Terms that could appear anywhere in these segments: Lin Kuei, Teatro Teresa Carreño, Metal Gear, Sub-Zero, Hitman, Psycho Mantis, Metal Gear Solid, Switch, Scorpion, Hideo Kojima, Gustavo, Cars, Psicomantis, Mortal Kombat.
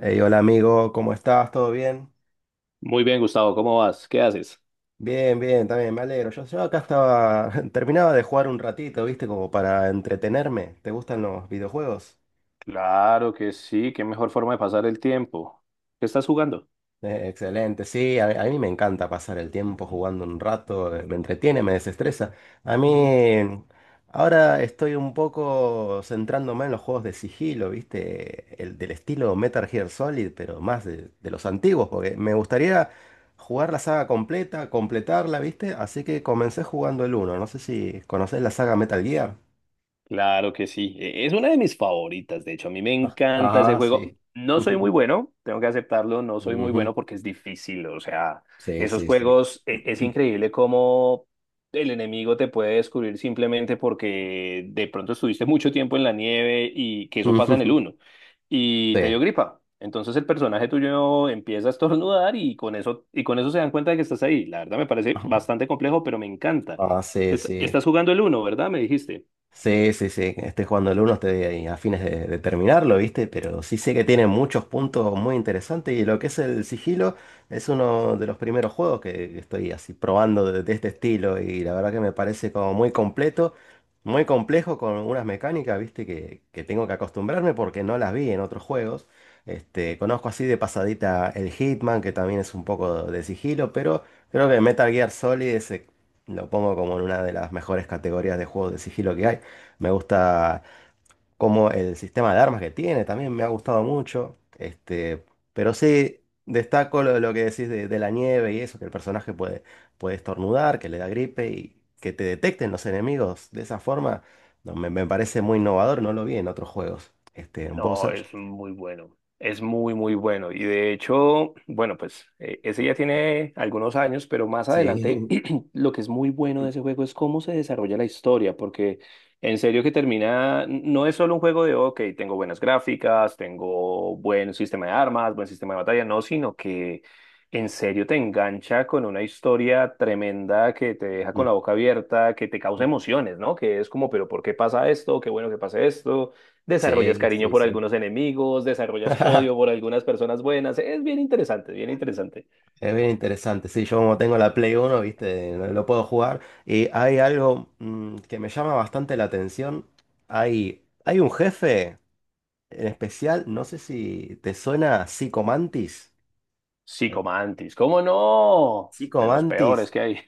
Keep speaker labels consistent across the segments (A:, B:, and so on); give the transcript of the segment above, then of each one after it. A: Hey, hola amigo, ¿cómo estás? ¿Todo bien?
B: Muy bien, Gustavo, ¿cómo vas? ¿Qué haces?
A: Bien, bien, también me alegro. Yo acá estaba, terminaba de jugar un ratito, ¿viste? Como para entretenerme. ¿Te gustan los videojuegos?
B: Claro que sí, qué mejor forma de pasar el tiempo. ¿Qué estás jugando?
A: Excelente, sí, a mí me encanta pasar el tiempo jugando un rato, me entretiene, me desestresa. A mí ahora estoy un poco centrándome en los juegos de sigilo, ¿viste? El del estilo Metal Gear Solid, pero más de los antiguos, porque me gustaría jugar la saga completa, completarla, ¿viste? Así que comencé jugando el uno. No sé si conocés la saga Metal Gear.
B: Claro que sí, es una de mis favoritas, de hecho, a mí me encanta ese
A: Ajá,
B: juego.
A: sí.
B: No soy muy bueno, tengo que aceptarlo, no soy muy
A: Ujú.
B: bueno porque es difícil, o sea,
A: Sí,
B: esos
A: sí, sí.
B: juegos es increíble cómo el enemigo te puede descubrir simplemente porque de pronto estuviste mucho tiempo en la nieve y que eso pasa en el uno y te
A: Sí.
B: dio gripa. Entonces el personaje tuyo empieza a estornudar y con eso se dan cuenta de que estás ahí. La verdad me parece bastante complejo, pero me encanta.
A: Ah, sí, sí.
B: ¿Estás jugando el uno, verdad? Me dijiste.
A: Sí, sí, sí, estoy jugando el uno. Estoy ahí a fines de terminarlo, ¿viste? Pero sí sé que tiene muchos puntos muy interesantes, y lo que es el sigilo es uno de los primeros juegos que estoy así probando de este estilo, y la verdad que me parece como muy completo, muy complejo, con unas mecánicas, ¿viste? Que tengo que acostumbrarme porque no las vi en otros juegos. Conozco así de pasadita el Hitman, que también es un poco de sigilo, pero creo que Metal Gear Solid ese lo pongo como en una de las mejores categorías de juegos de sigilo que hay. Me gusta como el sistema de armas que tiene, también me ha gustado mucho. Pero sí, destaco lo que decís de la nieve y eso, que el personaje puede, estornudar, que le da gripe y que te detecten los enemigos de esa forma, no, me parece muy innovador, no lo vi en otros juegos. En
B: No,
A: Bossage.
B: es muy bueno. Es muy bueno. Y de hecho, bueno, pues ese ya tiene algunos años, pero más
A: Sí,
B: adelante lo que es muy bueno de ese juego es cómo se desarrolla la historia, porque en serio que termina, no es solo un juego de, ok, tengo buenas gráficas, tengo buen sistema de armas, buen sistema de batalla, no, sino que en serio te engancha con una historia tremenda que te deja con la boca abierta, que te causa emociones, ¿no? Que es como, pero ¿por qué pasa esto? Qué bueno que pase esto. Desarrollas
A: sí,
B: cariño
A: sí,
B: por
A: sí.
B: algunos enemigos, desarrollas odio por algunas personas buenas. Es bien interesante, bien interesante.
A: Es bien interesante, sí, yo como tengo la Play uno, viste, lo puedo jugar. Y hay algo que me llama bastante la atención. Hay un jefe en especial, no sé si te suena Psycho Mantis.
B: Psicomantis, ¿cómo no?
A: Psycho
B: De los peores
A: Mantis.
B: que hay.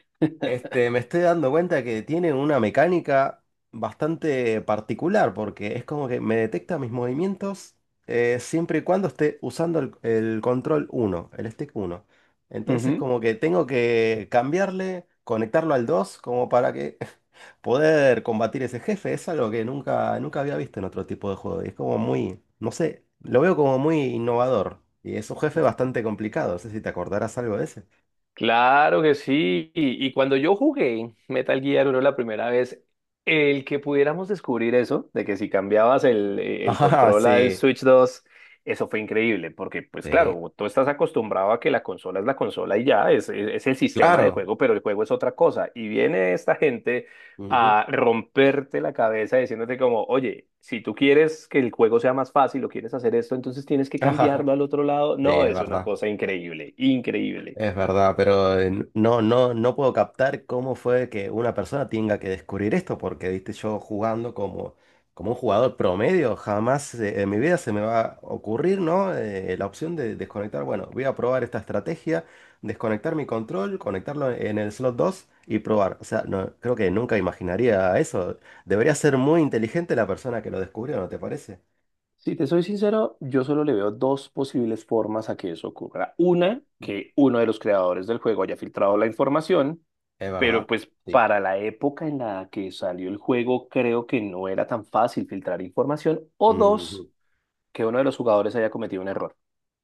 A: Me estoy dando cuenta que tiene una mecánica bastante particular, porque es como que me detecta mis movimientos, siempre y cuando esté usando el, control uno, el stick uno. Entonces
B: Ujú.
A: como que tengo que cambiarle, conectarlo al 2, como para que poder combatir ese jefe. Es algo que nunca, nunca había visto en otro tipo de juego. Y es como muy, no sé, lo veo como muy innovador. Y es un jefe bastante complicado. No sé si te acordarás algo de ese.
B: Claro que sí. Y cuando yo jugué Metal Gear 1 la primera vez, el que pudiéramos descubrir eso, de que si cambiabas el
A: Ajá,
B: control al
A: sí.
B: Switch dos, eso fue increíble, porque pues
A: Sí.
B: claro, tú estás acostumbrado a que la consola es la consola y ya, es el sistema de
A: Claro.
B: juego, pero el juego es otra cosa. Y viene esta gente
A: Ujú.
B: a romperte la cabeza diciéndote como, oye, si tú quieres que el juego sea más fácil o quieres hacer esto, entonces tienes que
A: Ajá.
B: cambiarlo al otro lado.
A: Sí,
B: No,
A: es
B: es una
A: verdad.
B: cosa increíble, increíble.
A: Es verdad, pero no, no, no puedo captar cómo fue que una persona tenga que descubrir esto, porque viste, yo jugando como un jugador promedio, jamás en mi vida se me va a ocurrir, ¿no? La opción de desconectar. Bueno, voy a probar esta estrategia, desconectar mi control, conectarlo en el slot 2 y probar. O sea, no, creo que nunca imaginaría eso. Debería ser muy inteligente la persona que lo descubrió, ¿no te parece?
B: Si te soy sincero, yo solo le veo dos posibles formas a que eso ocurra. Una, que uno de los creadores del juego haya filtrado la información,
A: Es
B: pero
A: verdad.
B: pues
A: Sí.
B: para la época en la que salió el juego creo que no era tan fácil filtrar información. O dos, que uno de los jugadores haya cometido un error.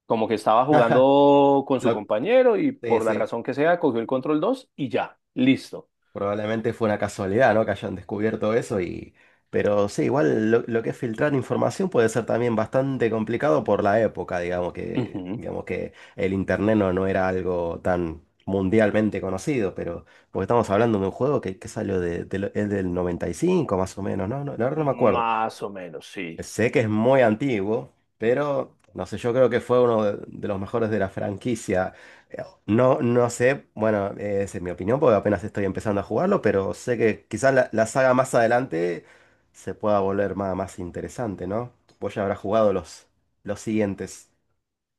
B: Como que estaba jugando con su
A: Lo,
B: compañero y
A: sí,
B: por la
A: sí,
B: razón que sea cogió el control 2 y ya, listo.
A: probablemente fue una casualidad, ¿no? Que hayan descubierto eso y... Pero sí, igual lo que es filtrar información puede ser también bastante complicado por la época, digamos que,
B: Ujú.
A: digamos que el internet no, no era algo tan mundialmente conocido, pero porque estamos hablando de un juego que salió es del 95 más o menos, ¿no? No, la verdad no me acuerdo.
B: Más o menos, sí.
A: Sé que es muy antiguo, pero no sé, yo creo que fue uno de los mejores de la franquicia. No, no sé, bueno, esa es mi opinión porque apenas estoy empezando a jugarlo, pero sé que quizás la saga más adelante se pueda volver más interesante, ¿no? Vos ya habrás jugado los siguientes.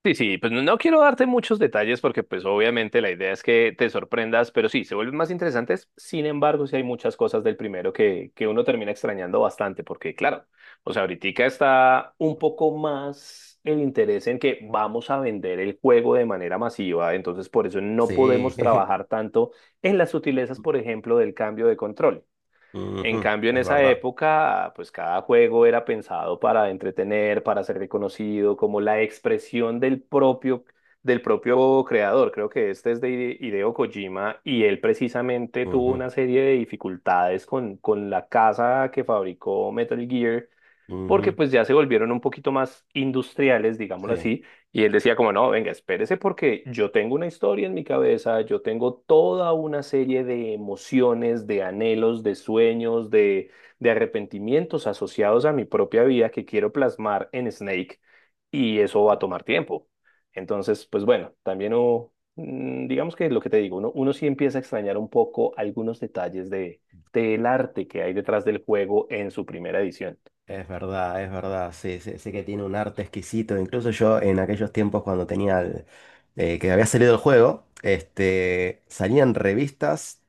B: Sí, sí, pues no quiero darte muchos detalles porque pues obviamente la idea es que te sorprendas, pero sí, se vuelven más interesantes. Sin embargo, sí hay muchas cosas del primero que uno termina extrañando bastante porque claro, o sea, ahorita está un poco más el interés en que vamos a vender el juego de manera masiva, entonces por eso no
A: Sí.
B: podemos trabajar tanto en las sutilezas, por ejemplo, del cambio de control. En
A: Ujú,
B: cambio, en
A: es
B: esa
A: verdad.
B: época, pues cada juego era pensado para entretener, para ser reconocido, como la expresión del propio creador. Creo que este es de Hideo Kojima y él precisamente tuvo una serie de dificultades con la casa que fabricó Metal Gear
A: Ujú, ujú,
B: porque pues ya se volvieron un poquito más industriales, digámoslo
A: sí.
B: así, y él decía como, no, venga, espérese porque yo tengo una historia en mi cabeza, yo tengo toda una serie de emociones, de anhelos, de sueños, de arrepentimientos asociados a mi propia vida que quiero plasmar en Snake, y eso va a tomar tiempo. Entonces, pues bueno, también hubo, digamos que lo que te digo, uno sí empieza a extrañar un poco algunos detalles de, del arte que hay detrás del juego en su primera edición.
A: Es verdad, sí, sí, sí que tiene un arte exquisito. Incluso yo en aquellos tiempos cuando tenía que había salido el juego, salían revistas,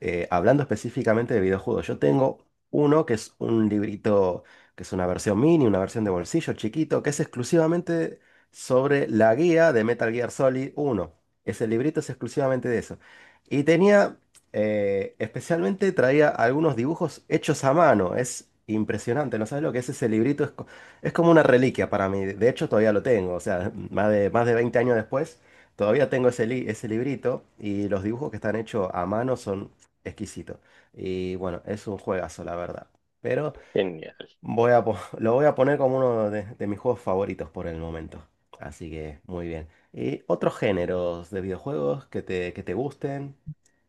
A: hablando específicamente de videojuegos. Yo tengo uno que es un librito, que es una versión mini, una versión de bolsillo chiquito, que es exclusivamente sobre la guía de Metal Gear Solid 1. Ese librito es exclusivamente de eso. Y tenía, especialmente, traía algunos dibujos hechos a mano. Es impresionante. ¿No sabes lo que es ese librito? Es como una reliquia para mí. De hecho, todavía lo tengo. O sea, más de 20 años después, todavía tengo ese librito, y los dibujos que están hechos a mano son exquisitos. Y bueno, es un juegazo, la verdad. Pero
B: Genial.
A: Lo voy a poner como uno de mis juegos favoritos por el momento. Así que muy bien. ¿Y otros géneros de videojuegos que te, gusten?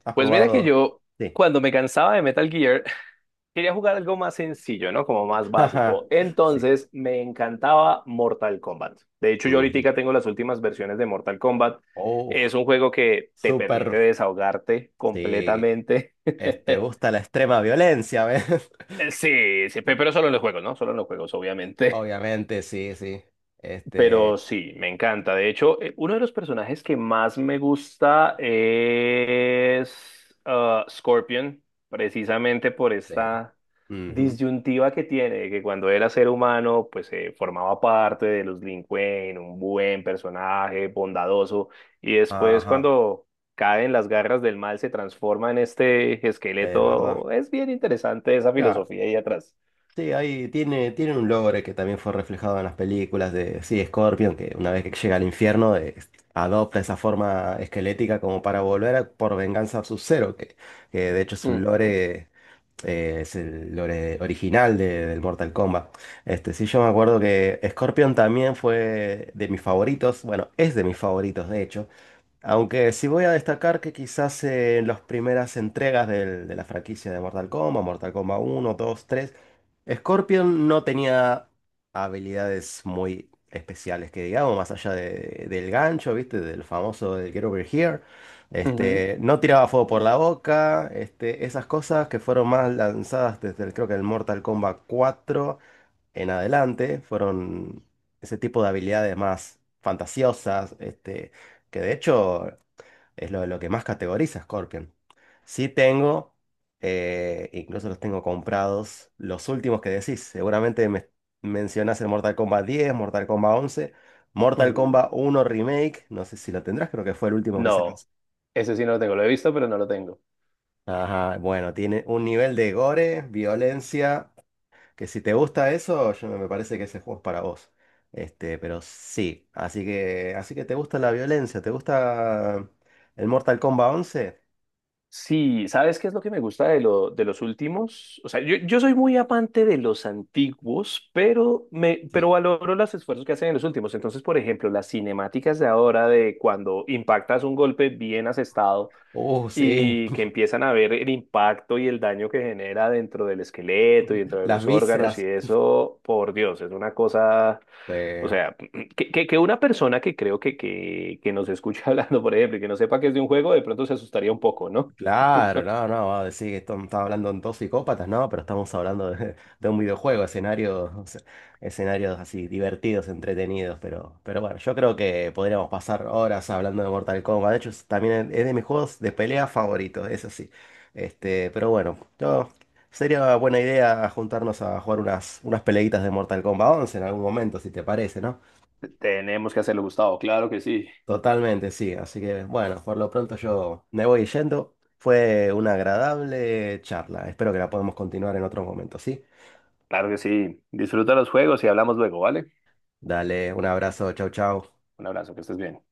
A: ¿Has
B: Pues mira que
A: probado?
B: yo,
A: Sí.
B: cuando me cansaba de Metal Gear, quería jugar algo más sencillo, ¿no? Como más
A: Ajá.
B: básico.
A: Sí.
B: Entonces me encantaba Mortal Kombat. De hecho, yo
A: Ujú.
B: ahorita tengo las últimas versiones de Mortal Kombat.
A: Oh,
B: Es un juego que te permite
A: súper.
B: desahogarte
A: Sí.
B: completamente.
A: ¿Te gusta la extrema violencia, ves?
B: Sí, sí, pero solo en los juegos, ¿no? Solo en los juegos, obviamente.
A: Obviamente, sí, sí. Este.
B: Pero sí, me encanta. De hecho, uno de los personajes que más me gusta es ah, Scorpion, precisamente por
A: Sí.
B: esta
A: Ujú.
B: disyuntiva que tiene, que cuando era ser humano, pues formaba parte de los Lin Kuei, un buen personaje, bondadoso, y después
A: Ajá.
B: cuando cae en las garras del mal, se transforma en este
A: Es verdad.
B: esqueleto. Es bien interesante esa
A: Ya.
B: filosofía ahí atrás.
A: Sí, ahí tiene un logro que también fue reflejado en las películas de, sí, Scorpion, que una vez que llega al infierno, adopta esa forma esquelética como para volver por venganza a Sub-Zero, que de hecho es un
B: Ujú,
A: lore, es el lore original del Mortal Kombat. Sí, yo me acuerdo que Scorpion también fue de mis favoritos, bueno, es de mis favoritos de hecho, aunque sí voy a destacar que quizás, en las primeras entregas de la franquicia de Mortal Kombat, Mortal Kombat uno, dos, tres, Scorpion no tenía habilidades muy especiales, que digamos, más allá del gancho, ¿viste? Del famoso del Get Over Here.
B: ujú,
A: No tiraba fuego por la boca, esas cosas que fueron más lanzadas desde creo que el Mortal Kombat cuatro en adelante, fueron ese tipo de habilidades más fantasiosas, que de hecho es lo que más categoriza Scorpion. Sí tengo, incluso los tengo comprados, los últimos que decís. Seguramente me mencionás el Mortal Kombat 10, Mortal Kombat 11, Mortal
B: ujú.
A: Kombat uno Remake. No sé si lo tendrás, creo que fue el último que se
B: No,
A: lanzó.
B: ese sí no lo tengo. Lo he visto, pero no lo tengo.
A: Ajá, bueno, tiene un nivel de gore, violencia, que si te gusta eso, yo me parece que ese juego es para vos. Pero sí, así que, te gusta la violencia, ¿te gusta el Mortal Kombat 11?
B: Sí, ¿sabes qué es lo que me gusta de, lo, de los últimos? O sea, yo soy muy amante de los antiguos, pero, me,
A: Sí.
B: pero valoro los esfuerzos que hacen en los últimos. Entonces, por ejemplo, las cinemáticas de ahora de cuando impactas un golpe bien asestado
A: Oh sí,
B: y que empiezan a ver el impacto y el daño que genera dentro del esqueleto y dentro de
A: las
B: los órganos y
A: vísceras.
B: eso, por Dios, es una cosa, o
A: Eh,
B: sea, que una persona que creo que nos escucha hablando, por ejemplo, y que no sepa que es de un juego, de pronto se asustaría un poco, ¿no?
A: claro, no, no, va a decir que estamos hablando de dos psicópatas, no, pero estamos hablando de un videojuego, escenarios, o sea, escenarios así divertidos, entretenidos, pero bueno, yo creo que podríamos pasar horas hablando de Mortal Kombat. De hecho, también es de mis juegos de pelea favoritos, eso sí. Pero bueno, sería buena idea juntarnos a jugar unas peleitas de Mortal Kombat 11 en algún momento, si te parece, ¿no?
B: Tenemos que hacerlo, Gustavo, claro que sí,
A: Totalmente, sí. Así que bueno, por lo pronto yo me voy yendo. Fue una agradable charla. Espero que la podamos continuar en otros momentos, ¿sí?
B: claro que sí. Disfruta los juegos y hablamos luego, ¿vale?
A: Dale, un abrazo, chau, chau.
B: Un abrazo, que estés bien.